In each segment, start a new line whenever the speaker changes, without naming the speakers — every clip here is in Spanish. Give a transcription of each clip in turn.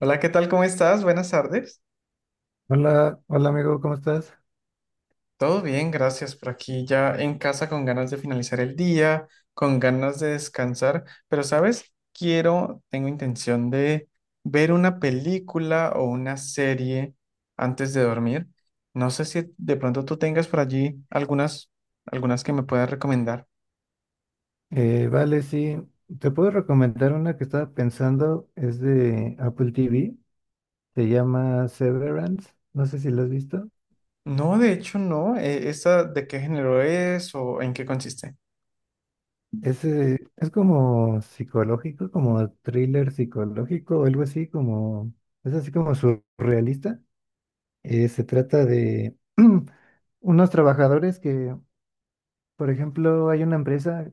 Hola, ¿qué tal? ¿Cómo estás? Buenas tardes.
Hola, hola amigo, ¿cómo estás?
Todo bien, gracias. Por aquí, ya en casa con ganas de finalizar el día, con ganas de descansar, pero sabes, quiero, tengo intención de ver una película o una serie antes de dormir. No sé si de pronto tú tengas por allí algunas que me puedas recomendar.
Vale, sí, te puedo recomendar una que estaba pensando, es de Apple TV, se llama Severance, no sé si la has visto.
No, de hecho no. ¿Esta de qué género es o en qué consiste?
Es como psicológico, como thriller psicológico o algo así, como, es así como surrealista. Se trata de unos trabajadores que, por ejemplo, hay una empresa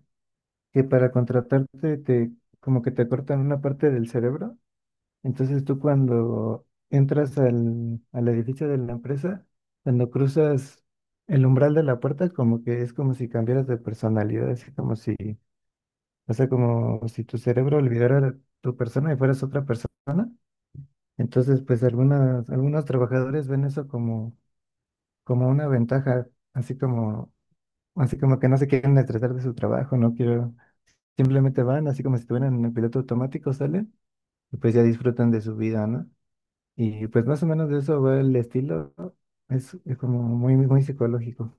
que para contratarte como que te cortan una parte del cerebro. Entonces tú cuando entras al edificio de la empresa, cuando cruzas el umbral de la puerta, como que es como si cambiaras de personalidad, así como si, o sea, como si tu cerebro olvidara tu persona y fueras otra persona. Entonces, algunos trabajadores ven eso como, como una ventaja, así como, así como que no se quieren estresar de su trabajo, no quiero, simplemente van, así como si estuvieran en el piloto automático, salen y pues ya disfrutan de su vida, ¿no? Y pues más o menos de eso va el estilo, ¿no? Es como muy, muy psicológico.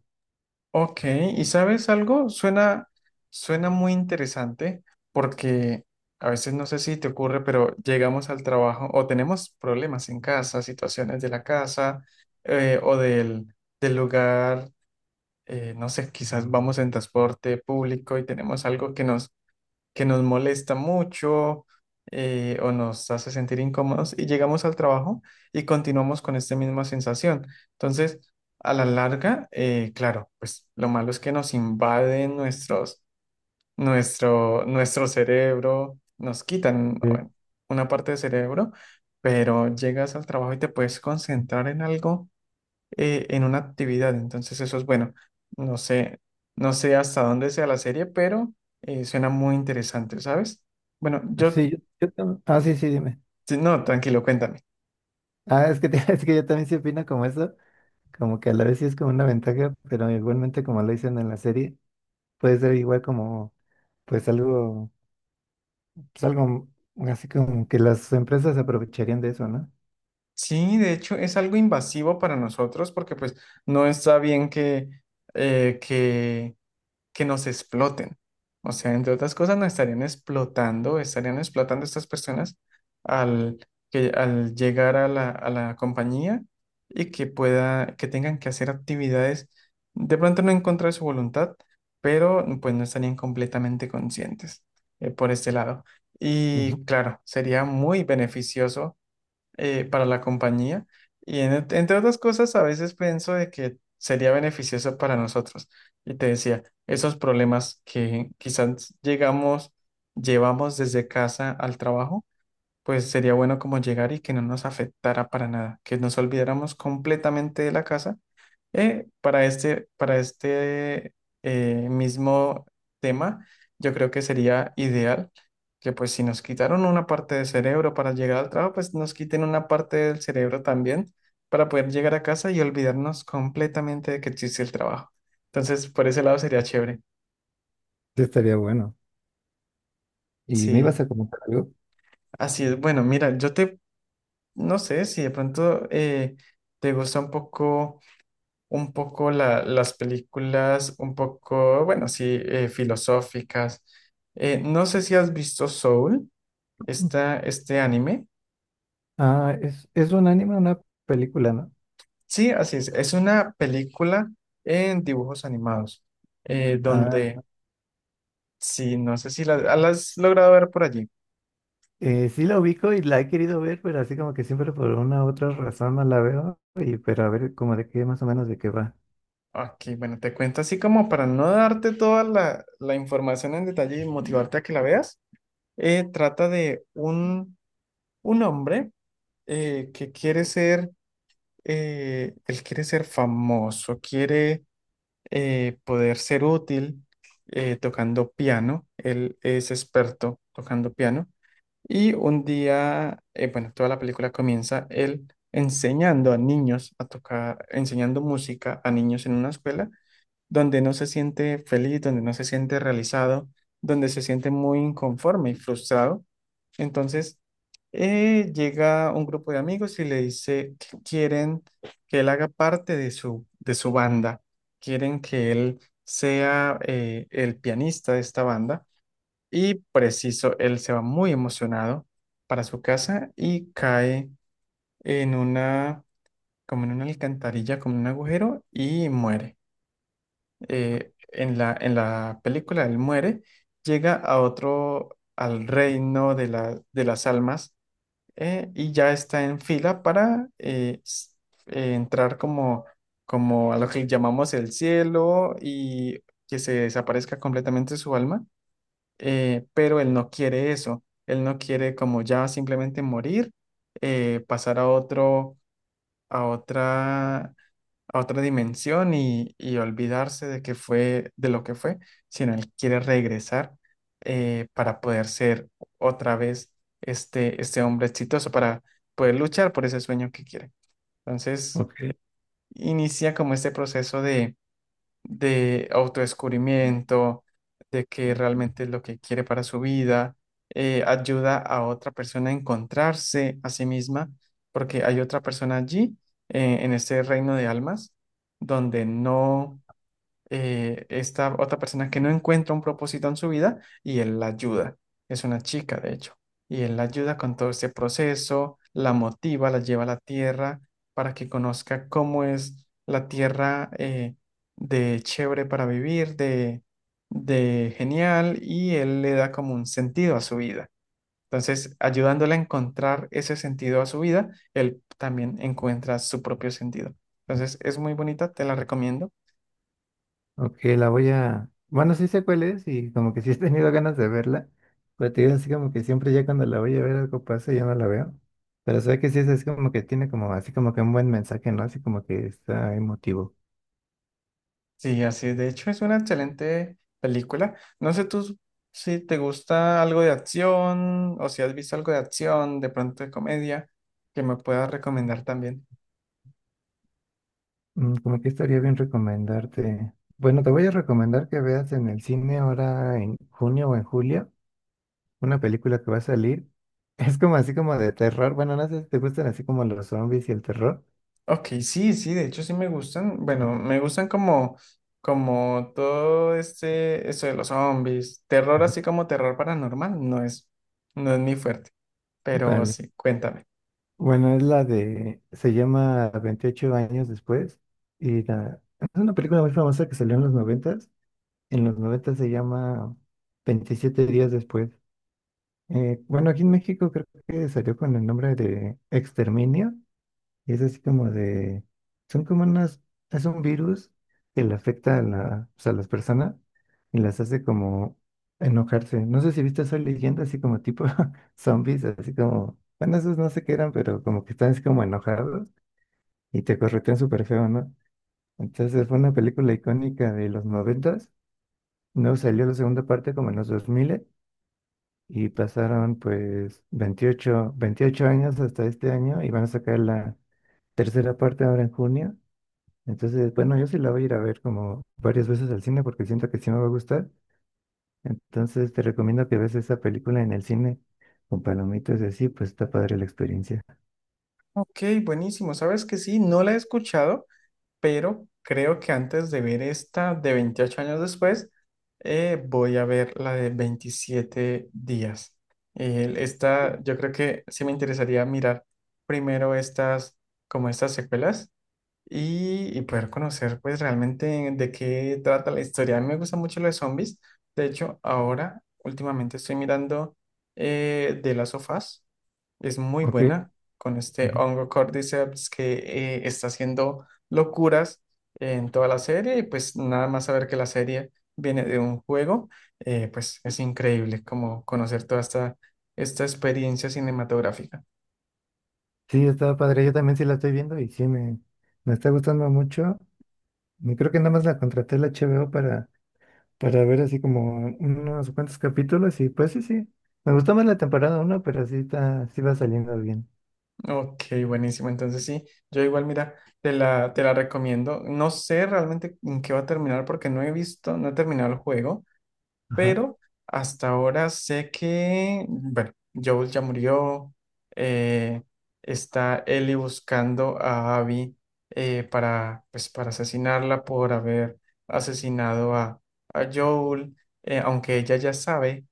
Ok, ¿y sabes algo? Suena muy interesante porque a veces no sé si te ocurre, pero llegamos al trabajo o tenemos problemas en casa, situaciones de la casa, o del lugar, no sé, quizás vamos en transporte público y tenemos algo que nos molesta mucho, o nos hace sentir incómodos, y llegamos al trabajo y continuamos con esta misma sensación. Entonces, a la larga, claro, pues lo malo es que nos invaden nuestro cerebro, nos quitan,
Sí,
bueno, una parte del cerebro, pero llegas al trabajo y te puedes concentrar en algo, en una actividad. Entonces eso es bueno. No sé, no sé hasta dónde sea la serie, pero suena muy interesante, ¿sabes? Bueno, yo,
sí, ah, sí, sí, dime.
sí, no, tranquilo, cuéntame.
Ah, es que, es que yo también sí opino como eso. Como que a la vez sí es como una ventaja, pero igualmente como lo dicen en la serie, puede ser igual como, pues algo, pues algo así como que las empresas aprovecharían de eso, ¿no?
Sí, de hecho es algo invasivo para nosotros porque pues no está bien eh, que que nos exploten. O sea, entre otras cosas, nos estarían explotando estas personas al, que, al llegar a a la compañía, y que pueda, que tengan que hacer actividades de pronto no en contra de su voluntad, pero pues no estarían completamente conscientes por este lado.
Ujú.
Y claro, sería muy beneficioso para la compañía. Y entre otras cosas, a veces pienso de que sería beneficioso para nosotros. Y te decía, esos problemas que quizás llegamos, llevamos desde casa al trabajo, pues sería bueno como llegar y que no nos afectara para nada, que nos olvidáramos completamente de la casa, para este mismo tema, yo creo que sería ideal que, pues, si nos quitaron una parte del cerebro para llegar al trabajo, pues nos quiten una parte del cerebro también para poder llegar a casa y olvidarnos completamente de que existe el trabajo. Entonces, por ese lado sería chévere.
Sí, estaría bueno. ¿Y me ibas
Sí,
a comentar algo?
así es. Bueno, mira, yo te, no sé si de pronto te gusta un poco las películas, un poco, bueno, sí, filosóficas. No sé si has visto Soul,
Mm.
esta, este anime.
Ah, es un anime, una película, ¿no?
Sí, así es. Es una película en dibujos animados,
Ah,
donde, sí, no sé si la, ah, la has logrado ver por allí.
Sí la ubico y la he querido ver, pero así como que siempre por una u otra razón no la veo. Y, pero a ver como de qué más o menos de qué va.
Ok, bueno, te cuento así como para no darte toda la información en detalle y motivarte a que la veas. Trata de un hombre que quiere ser, él quiere ser famoso, quiere poder ser útil tocando piano. Él es experto tocando piano. Y un día, bueno, toda la película comienza él enseñando a niños a tocar, enseñando música a niños en una escuela donde no se siente feliz, donde no se siente realizado, donde se siente muy inconforme y frustrado. Entonces, llega un grupo de amigos y le dice que quieren que él haga parte de de su banda, quieren que él sea, el pianista de esta banda, y preciso, él se va muy emocionado para su casa y cae en una, como en una alcantarilla, como en un agujero, y muere. En en la película él muere, llega a otro, al reino de de las almas, y ya está en fila para entrar como, como a lo que llamamos el cielo, y que se desaparezca completamente su alma. Pero él no quiere eso, él no quiere como ya simplemente morir, pasar a otro, a otra, a otra dimensión, y olvidarse de que fue, de lo que fue, sino él quiere regresar para poder ser otra vez este hombre exitoso, para poder luchar por ese sueño que quiere. Entonces,
Ok,
inicia como este proceso de autodescubrimiento, de que realmente es lo que quiere para su vida. Ayuda a otra persona a encontrarse a sí misma, porque hay otra persona allí, en este reino de almas, donde no, esta otra persona que no encuentra un propósito en su vida, y él la ayuda. Es una chica, de hecho. Y él la ayuda con todo este proceso, la motiva, la lleva a la tierra para que conozca cómo es la tierra, de chévere para vivir, de genial, y él le da como un sentido a su vida. Entonces, ayudándole a encontrar ese sentido a su vida, él también encuentra su propio sentido. Entonces, es muy bonita, te la recomiendo.
ok, la voy a... Bueno, sí sé cuál es y como que sí he tenido ganas de verla. Pero te digo así como que siempre ya cuando la voy a ver algo pasa y ya no la veo. Pero sé que sí es así como que tiene como así como que un buen mensaje, ¿no? Así como que está emotivo.
Sí, así es. De hecho, es una excelente película. No sé tú si te gusta algo de acción o si has visto algo de acción, de pronto de comedia, que me puedas recomendar también.
Mm, como que estaría bien recomendarte. Bueno, te voy a recomendar que veas en el cine ahora en junio o en julio. Una película que va a salir. Es como así como de terror. Bueno, no sé si te gustan así como los zombies y el terror.
Ok, sí, sí, de hecho sí me gustan. Bueno, me gustan como, como todo este, eso de los zombies. Terror así como terror paranormal, no es, no es mi fuerte. Pero
Vale.
sí, cuéntame.
Bueno, es la de, se llama 28 años después. Y es una película muy famosa que salió en los noventas. En los noventas se llama 27 días después. Bueno, aquí en México creo que salió con el nombre de Exterminio. Y es así como de, son como unas, es un virus que le afecta a, la, pues, a las personas y las hace como enojarse. No sé si viste Soy Leyenda, así como tipo zombies, así como, bueno, esos no sé qué eran, pero como que están así como enojados y te corretean súper feo, ¿no? Entonces fue una película icónica de los noventas, no salió la segunda parte como en los 2000 y pasaron pues veintiocho años hasta este año y van a sacar la tercera parte ahora en junio. Entonces, bueno, yo sí la voy a ir a ver como varias veces al cine porque siento que sí me va a gustar. Entonces, te recomiendo que veas esa película en el cine con palomitas y así, pues está padre la experiencia.
Ok, buenísimo. ¿Sabes que sí? No la he escuchado, pero creo que antes de ver esta de 28 años después, voy a ver la de 27 días. Esta, yo creo que sí me interesaría mirar primero estas, como estas secuelas, y poder conocer pues realmente de qué trata la historia. A mí me gusta mucho lo de zombies. De hecho, ahora últimamente estoy mirando, de las sofás. Es muy
Ok.
buena, con este
Ujú.
hongo Cordyceps que, está haciendo locuras en toda la serie, y pues nada más saber que la serie viene de un juego, pues es increíble como conocer toda esta, esta experiencia cinematográfica.
Sí, está padre. Yo también sí la estoy viendo y sí me está gustando mucho. Y creo que nada más la contraté la HBO para ver así como unos cuantos capítulos y pues sí, sí. Me gustó más la temporada uno pero sí va saliendo bien.
Ok, buenísimo. Entonces sí, yo igual, mira, te la recomiendo. No sé realmente en qué va a terminar porque no he visto, no he terminado el juego,
Ajá.
pero hasta ahora sé que, bueno, Joel ya murió. eh, Está Ellie buscando a Abby, para, pues, para asesinarla por haber asesinado a Joel. Aunque ella ya sabe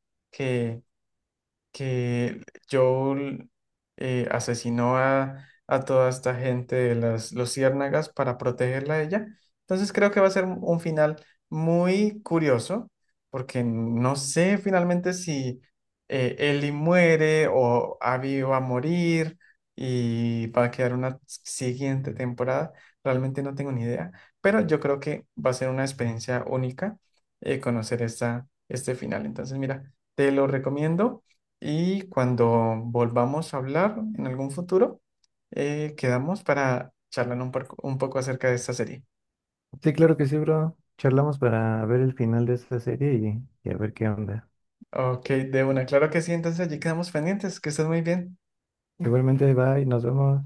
que Joel asesinó a toda esta gente de las luciérnagas para protegerla a ella. Entonces creo que va a ser un final muy curioso, porque no sé finalmente si, Ellie muere o Abby va a morir, y va a quedar una siguiente temporada. Realmente no tengo ni idea, pero yo creo que va a ser una experiencia única, conocer esta, este final. Entonces, mira, te lo recomiendo. Y cuando volvamos a hablar en algún futuro, quedamos para charlar un, un poco acerca de esta serie.
Sí, claro que sí, bro. Charlamos para ver el final de esta serie y a ver qué onda.
Ok, de una, claro que sí, entonces allí quedamos pendientes, que estés muy bien.
Igualmente, bye, nos vemos.